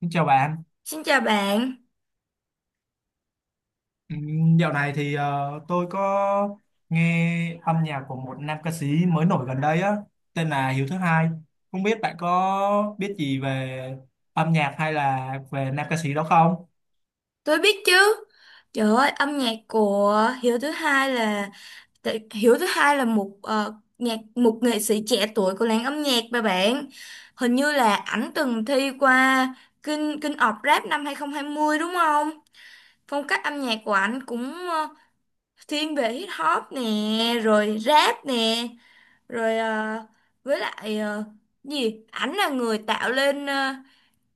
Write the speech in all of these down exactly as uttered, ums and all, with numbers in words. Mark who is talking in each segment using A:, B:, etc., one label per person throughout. A: Xin chào bạn.
B: Xin chào bạn,
A: Ừm, dạo này thì ờ, tôi có nghe âm nhạc của một nam ca sĩ mới nổi gần đây á, tên là Hiếu Thứ Hai. Không biết bạn có biết gì về âm nhạc hay là về nam ca sĩ đó không?
B: tôi biết chứ. Trời ơi, âm nhạc của Hiếu thứ hai là tại- Hiếu thứ hai là một ờ, nhạc một nghệ sĩ trẻ tuổi của làng âm nhạc mà bạn. Hình như là ảnh từng thi qua King King of Rap năm hai không hai không đúng không? Phong cách âm nhạc của ảnh cũng ờ, thiên về hip hop nè, rồi rap nè, rồi ờ, với lại ờ, gì? Ảnh là người tạo lên ờ,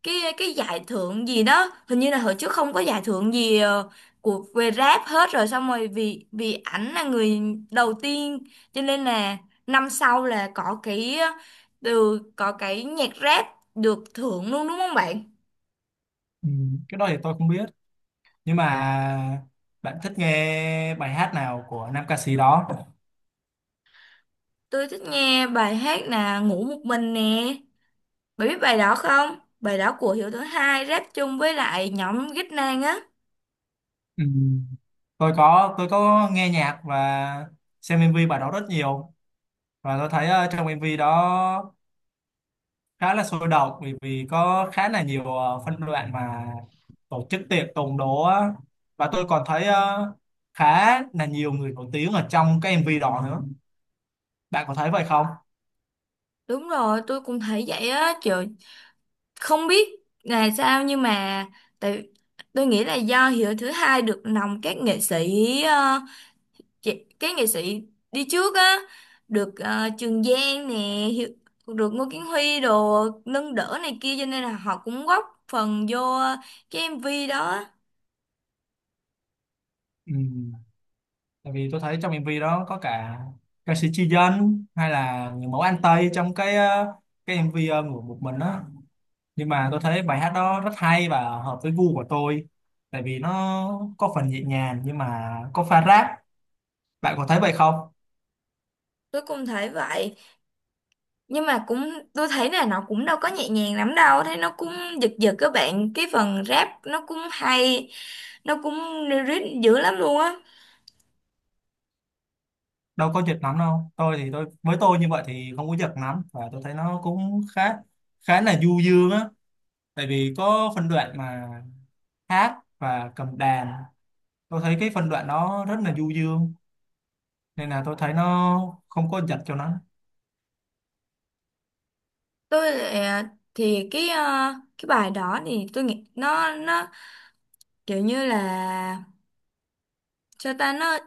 B: cái cái giải thưởng gì đó, hình như là hồi trước không có giải thưởng gì ờ, của về rap hết rồi, xong rồi vì vì ảnh là người đầu tiên, cho nên là năm sau là có cái ờ, từ có cái nhạc rap được thưởng luôn đúng không bạn?
A: Ừm, cái đó thì tôi không biết. Nhưng mà bạn thích nghe bài hát nào của nam ca sĩ đó?
B: Tôi thích nghe bài hát là Ngủ Một Mình nè, bạn biết bài đó không? Bài đó của Hiếu thứ hai rap chung với lại nhóm Ghít Nang á.
A: Ừm, tôi có tôi có nghe nhạc và xem em vê bài đó rất nhiều, và tôi thấy ờ, trong em vê đó khá là sôi động, bởi vì có khá là nhiều ờ, phân đoạn mà tổ chức tiệc tùng đó á. Và tôi còn thấy ờ, khá là nhiều người nổi tiếng ở trong cái em vê đó nữa. Bạn có thấy vậy không?
B: Đúng rồi, tôi cũng thấy vậy á. Trời, không biết là sao, nhưng mà tại tôi nghĩ là do Hiếu thứ hai được lòng các nghệ sĩ ờ, chị- các nghệ sĩ đi trước á, được ờ, Trường Giang nè, Hiếu, được Ngô Kiến Huy đồ nâng đỡ này kia, cho nên là họ cũng góp phần vô cái em vê đó.
A: Ừ. Tại vì tôi thấy trong em vê đó có cả ca sĩ Chi Dân hay là người mẫu An Tây trong cái ờ, cái em vê ờ, ngủ một mình đó. Nhưng mà tôi thấy bài hát đó rất hay và hợp với gu của tôi, tại vì nó có phần nhẹ nhàng nhưng mà có pha rap. Bạn có thấy vậy không?
B: Tôi cũng thấy vậy, nhưng mà cũng tôi thấy là nó cũng đâu có nhẹ nhàng lắm đâu, thấy nó cũng giật giật các bạn, cái phần rap nó cũng hay, nó cũng lyric dữ lắm luôn á.
A: Đâu có việc lắm đâu. Tôi thì tôi, với tôi như vậy thì không có việc lắm, và tôi thấy nó cũng khá, khá là du dương á. Tại vì có phân đoạn mà hát và cầm đàn, tôi thấy cái phân đoạn đó rất là du dương, nên là tôi thấy nó không có giật cho nó.
B: tôi lại- thì cái ờ, cái bài đó thì tôi nghĩ nó nó kiểu như là sao ta, nó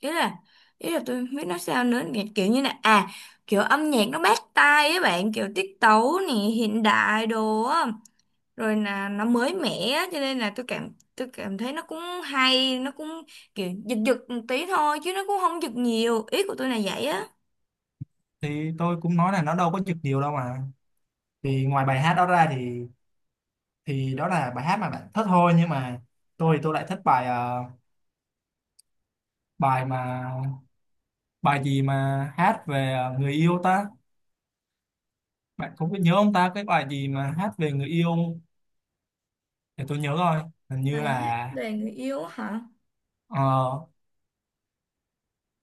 B: ý là ý là tôi không biết nói sao nữa, kiểu kiểu như là à, kiểu âm nhạc nó bắt tai ấy bạn, kiểu tiết tấu nè, hiện đại đồ á, rồi là nó mới mẻ á, cho nên là tôi cảm tôi cảm thấy nó cũng hay, nó cũng kiểu giật giật một tí thôi, chứ nó cũng không giật nhiều, ý của tôi là vậy á.
A: Thì tôi cũng nói là nó đâu có giật nhiều đâu mà. Thì ngoài bài hát đó ra thì thì đó là bài hát mà bạn thích thôi, nhưng mà tôi thì tôi lại thích bài ờ, bài mà, bài gì mà hát về ờ, người yêu ta. Bạn cũng biết nhớ ông ta cái bài gì mà hát về người yêu không? Để tôi nhớ rồi, hình như
B: Bài hát
A: là
B: về người yêu hả?
A: ờ,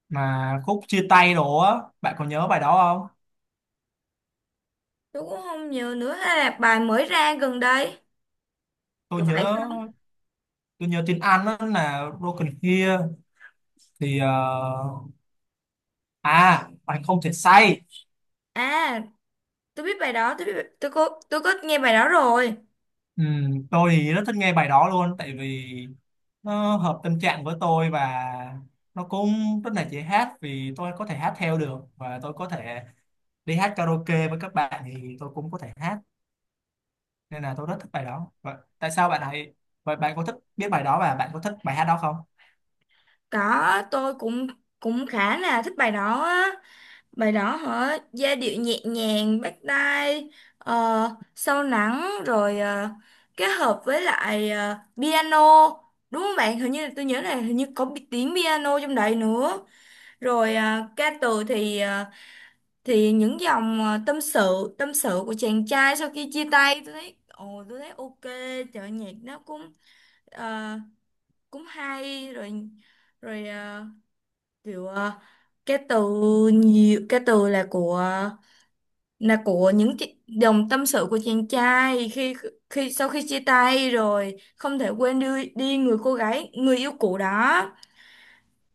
A: mà khúc chia tay đồ á. Bạn có nhớ bài đó không?
B: Tôi cũng không nhiều nữa, hay là bài mới ra gần đây?
A: tôi
B: Có phải
A: nhớ tôi nhớ tiếng Anh đó là Broken Here. Thì ờ, à, bạn không thể say.
B: à, tôi biết bài đó, tôi biết, tôi có tôi có nghe bài đó rồi.
A: Ừ, tôi thì rất thích nghe bài đó luôn, tại vì nó hợp tâm trạng với tôi, và nó cũng rất là dễ hát vì tôi có thể hát theo được, và tôi có thể đi hát karaoke với các bạn thì tôi cũng có thể hát. Nên là tôi rất thích bài đó. Vậy tại sao bạn lại, vậy bạn có thích biết bài đó và bạn có thích bài hát đó không?
B: Có, tôi cũng cũng khá là thích bài đó á. Bài đó hả? Giai điệu nhẹ nhàng, bắt tai, ờ, sâu lắng, rồi ờ, kết hợp với lại ờ, piano. Đúng không bạn? Hình như là tôi nhớ là hình như có bi- tiếng piano trong đấy nữa. Rồi ờ, ca từ thì ờ, thì những dòng ờ, tâm sự, tâm sự của chàng trai sau khi chia tay, tôi thấy ồ, tôi thấy ok, trời, nhạc nó cũng Ờ, cũng hay rồi, rồi ờ, kiểu ờ, cái từ, nhiều cái từ là của là của những chi- dòng tâm sự của chàng trai khi khi sau khi chia tay rồi, không thể quên đi đi người cô gái, người yêu cũ đó,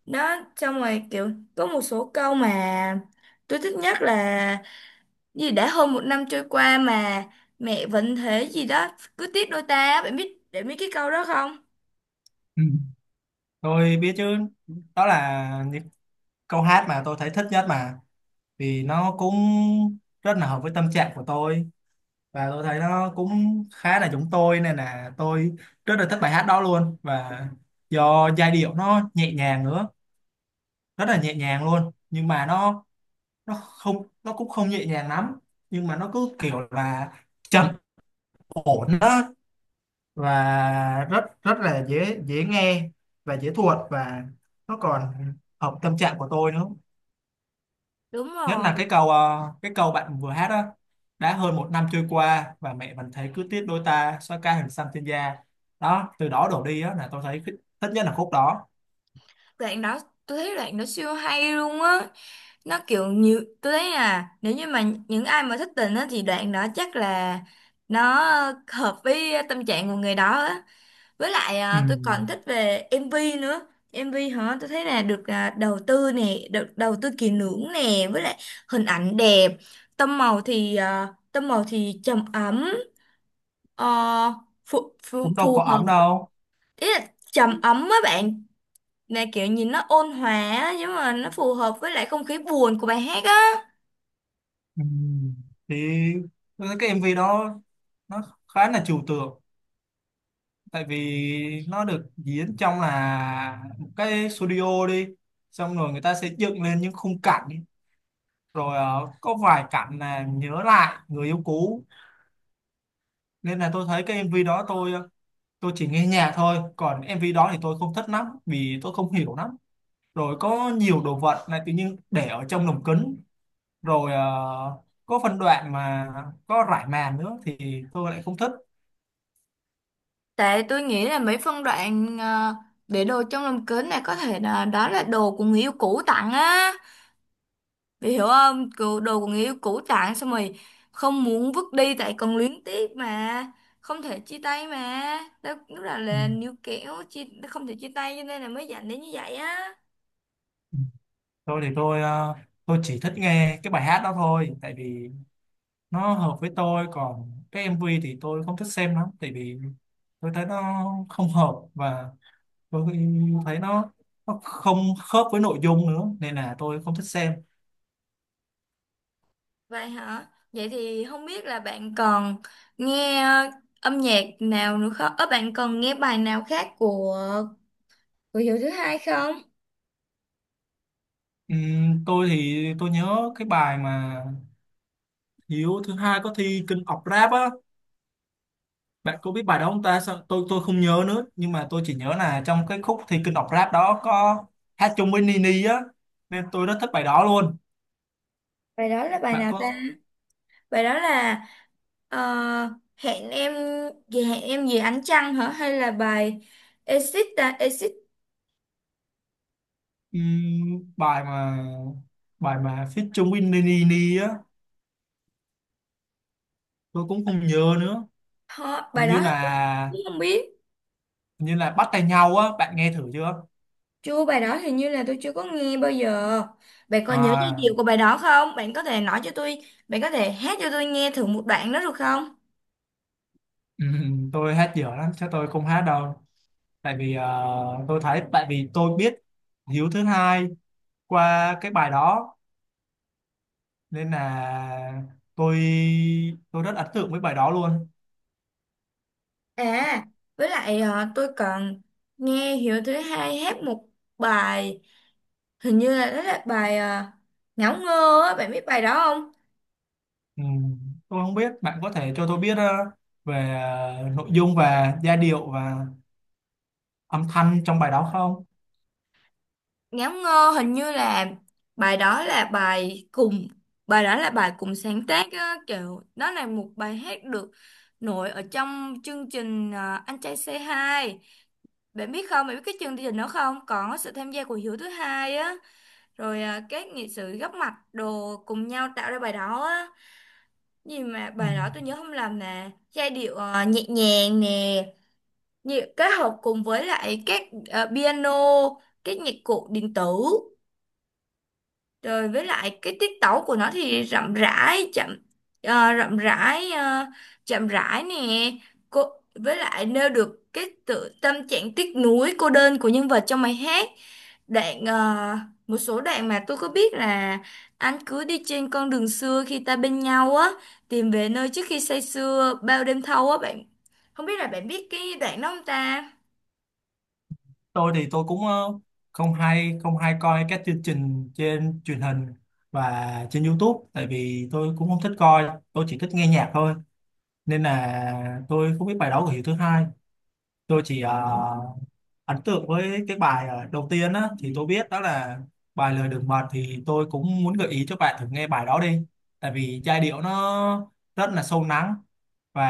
B: đó, xong rồi kiểu có một số câu mà tôi thích nhất là gì, đã hơn một năm trôi qua mà mẹ vẫn thế gì đó, cứ tiếc đôi ta, bạn biết để biết cái câu đó không?
A: Ừ. Tôi biết chứ. Đó là những câu hát mà tôi thấy thích nhất mà, vì nó cũng rất là hợp với tâm trạng của tôi, và tôi thấy nó cũng khá là giống tôi, nên là tôi rất là thích bài hát đó luôn. Và do giai điệu nó nhẹ nhàng nữa, rất là nhẹ nhàng luôn, nhưng mà nó nó không nó cũng không nhẹ nhàng lắm, nhưng mà nó cứ kiểu là trầm ổn đó, và rất rất là dễ dễ nghe và dễ thuộc, và nó còn hợp tâm trạng của tôi nữa.
B: Đúng
A: Nhất là
B: rồi,
A: cái câu ờ, cái câu bạn vừa hát đó, đã hơn một năm trôi qua và mẹ vẫn thấy cứ tiếc đôi ta xóa ca hình xăm trên da, đó từ đó đổ đi á, là tôi thấy thích, thích nhất là khúc đó.
B: đoạn đó, tôi thấy đoạn đó siêu hay luôn á, nó kiểu nhiều, tôi thấy là nếu như mà những ai mà thích tình á thì đoạn đó chắc là nó hợp với tâm trạng của người đó á. Với lại
A: Ừ.
B: à, tôi còn thích về em vê nữa. em vê hả, tôi thấy là được à, đầu tư nè, được đầu tư kỹ lưỡng nè, với lại hình ảnh đẹp, tông màu thì à, tông màu thì trầm ấm, ờ, phù, phù,
A: Cũng
B: phù
A: đâu có ấm
B: hợp
A: đâu.
B: Ý là trầm ấm á bạn, là kiểu nhìn nó ôn hòa á, nhưng mà nó phù hợp với lại không khí buồn của bài hát á.
A: Ừ. Thì tôi thấy cái em vê đó nó khá là trừu tượng, tại vì nó được diễn trong là một cái studio đi, xong rồi người ta sẽ dựng lên những khung cảnh ý. Rồi ờ, có vài cảnh là nhớ lại người yêu cũ, nên là tôi thấy cái em vê đó tôi ờ, tôi chỉ nghe nhạc thôi, còn em vê đó thì tôi không thích lắm vì tôi không hiểu lắm. Rồi có nhiều đồ vật này tự nhiên để ở trong lồng kính, rồi ờ, có phân đoạn mà có rải màn nữa thì tôi lại không thích.
B: Tại tôi nghĩ là mấy phân đoạn ờ, để đồ trong lòng kính này, có thể là đó là đồ của người yêu cũ tặng á, bị hiểu không? Kiểu đồ của người yêu cũ tặng, xong rồi không muốn vứt đi tại còn luyến tiếc mà, không thể chia tay mà, đó, lúc đó
A: Ừ.
B: là níu kéo chia, không thể chia tay, cho nên là mới dẫn đến như vậy á.
A: Tôi thì tôi ờ, tôi chỉ thích nghe cái bài hát đó thôi, tại vì nó hợp với tôi. Còn cái em vê thì tôi không thích xem lắm, tại vì tôi thấy nó không hợp, và tôi thấy nó nó không khớp với nội dung nữa, nên là tôi không thích xem.
B: Vậy hả? Vậy thì không biết là bạn còn nghe ờ, âm nhạc nào nữa không? Ờ, bạn còn nghe bài nào khác của của Hiếu thứ hai không?
A: Ừm, tôi thì tôi nhớ cái bài mà Hiếu thứ hai có thi King of Rap á. Bạn có biết bài đó không ta? Sao- tôi tôi không nhớ nữa, nhưng mà tôi chỉ nhớ là trong cái khúc thi King of Rap đó có hát chung với Nini á, nên tôi rất thích bài đó luôn.
B: Bài đó là bài
A: Bạn
B: nào ta?
A: có.
B: Bài đó là ờ, hẹn em gì, hẹn em gì ánh trăng hả? Hay là bài Exit ta? Exit
A: Ừm, bài mà, bài mà feat chung với Nini á, tôi cũng không nhớ nữa.
B: hả?
A: Hình
B: Bài
A: như
B: đó tôi
A: là,
B: cũng không biết.
A: hình như là bắt tay nhau á. Bạn nghe thử chưa?
B: Chưa, bài đó hình như là tôi chưa có nghe bao giờ. Bạn còn nhớ giai điệu của
A: À,
B: bài đó không? Bạn có thể nói cho tôi, bạn có thể hát cho tôi nghe thử một đoạn đó được không?
A: ừm, tôi hát dở lắm chắc tôi không hát đâu. Tại vì ờ, tôi thấy tại vì tôi biết Hiếu thứ hai qua cái bài đó, nên là tôi tôi rất ấn tượng với bài đó luôn.
B: À, với lại ờ, tôi còn nghe Hiếu thứ hai hát một bài, hình như là đó là bài ờ, Ngáo ngơ á, bạn biết bài đó không?
A: Ừm, tôi không biết, bạn có thể cho tôi biết ờ, về ờ, nội dung và giai điệu và âm thanh trong bài đó không?
B: Ngáo ngơ hình như là bài đó là bài cùng bài đó là bài cùng sáng tác á, kiểu đó là một bài hát được nổi ở trong chương trình ờ, Anh trai xê hai. Bạn biết không? Bạn biết cái chương trình đó không? Có sự tham gia của Hiếu thứ hai á, rồi ờ, các nghệ sĩ góp mặt đồ cùng nhau tạo ra bài đó á. Gì mà
A: Ừ.
B: bài đó tôi nhớ không lầm là giai điệu ờ, nhẹ nhàng nè, nhị- kết hợp cùng với lại các ờ, piano, các nhạc cụ điện tử, rồi với lại cái tiết tấu của nó thì rậm rãi chậm ờ, rậm rãi ờ, chậm rãi nè, cô với lại nêu được cái tự tâm trạng tiếc nuối cô đơn của nhân vật trong bài hát. Đoạn ờ, một số đoạn mà tôi có biết là anh cứ đi trên con đường xưa khi ta bên nhau á, tìm về nơi trước khi say sưa bao đêm thâu á bạn, không biết là bạn biết cái đoạn đó không ta?
A: Tôi thì tôi cũng ờ, không hay, không hay coi các chương trình trên truyền hình và trên YouTube, tại vì tôi cũng không thích coi, tôi chỉ thích nghe nhạc thôi, nên là tôi không biết bài đó của Hiếu thứ hai. Tôi chỉ ờ, ấn tượng với cái bài ờ, đầu tiên á, thì tôi biết đó là bài lời đường mật. Thì tôi cũng muốn gợi ý cho bạn thử nghe bài đó đi, tại vì giai điệu nó rất là sâu lắng, và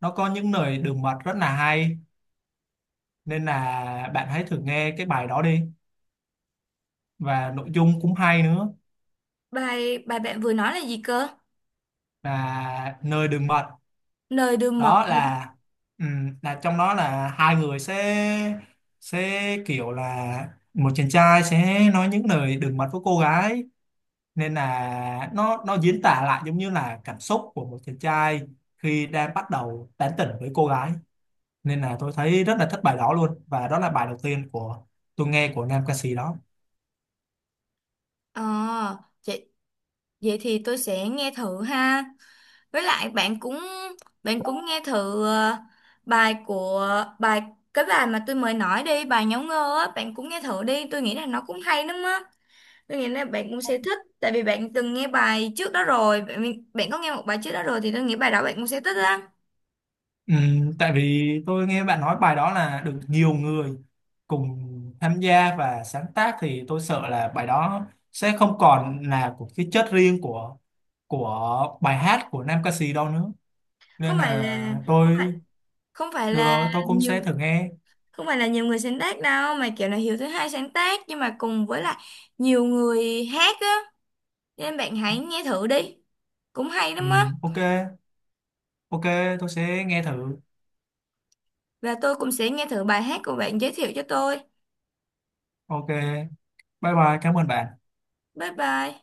A: nó có những lời đường mật rất là hay, nên là bạn hãy thử nghe cái bài đó đi, và nội dung cũng hay nữa.
B: Bài bài bạn vừa nói là gì cơ?
A: Là nơi đường mật.
B: Lời đường mật
A: Đó
B: hả?
A: là ừm, là trong đó là hai người sẽ sẽ kiểu là một chàng trai sẽ nói những lời đường mật với cô gái, nên là nó nó diễn tả lại giống như là cảm xúc của một chàng trai khi đang bắt đầu tán tỉnh với cô gái. Nên là tôi thấy rất là thích bài đó luôn, và đó là bài đầu tiên của tôi nghe của nam ca sĩ đó.
B: Ờ, à, vậy thì tôi sẽ nghe thử ha. Với lại bạn cũng bạn cũng nghe thử ờ, bài của bài cái bài mà tôi mới nói đi, bài Nháo Ngơ á, bạn cũng nghe thử đi, tôi nghĩ là nó cũng hay lắm á. Tôi nghĩ là bạn cũng sẽ thích tại vì bạn từng nghe bài trước đó rồi, bạn, bạn có nghe một bài trước đó rồi thì tôi nghĩ bài đó bạn cũng sẽ thích lắm.
A: Ừ, tại vì tôi nghe bạn nói bài đó là được nhiều người cùng tham gia và sáng tác, thì tôi sợ là bài đó sẽ không còn là của cái chất riêng của của bài hát của nam ca sĩ đâu nữa,
B: Không
A: nên
B: phải
A: là
B: là không phải
A: tôi,
B: không phải
A: được rồi,
B: là
A: tôi cũng
B: nhiều
A: sẽ thử nghe.
B: không phải là nhiều người sáng tác đâu, mà kiểu là Hiếu thứ hai sáng tác nhưng mà cùng với lại nhiều người hát á, nên bạn hãy nghe thử đi. Cũng hay
A: Ừ,
B: lắm á.
A: ok, ok, tôi sẽ nghe thử.
B: Và tôi cũng sẽ nghe thử bài hát của bạn giới thiệu cho tôi.
A: Ok, bye bye, cảm ơn bạn.
B: Bye bye.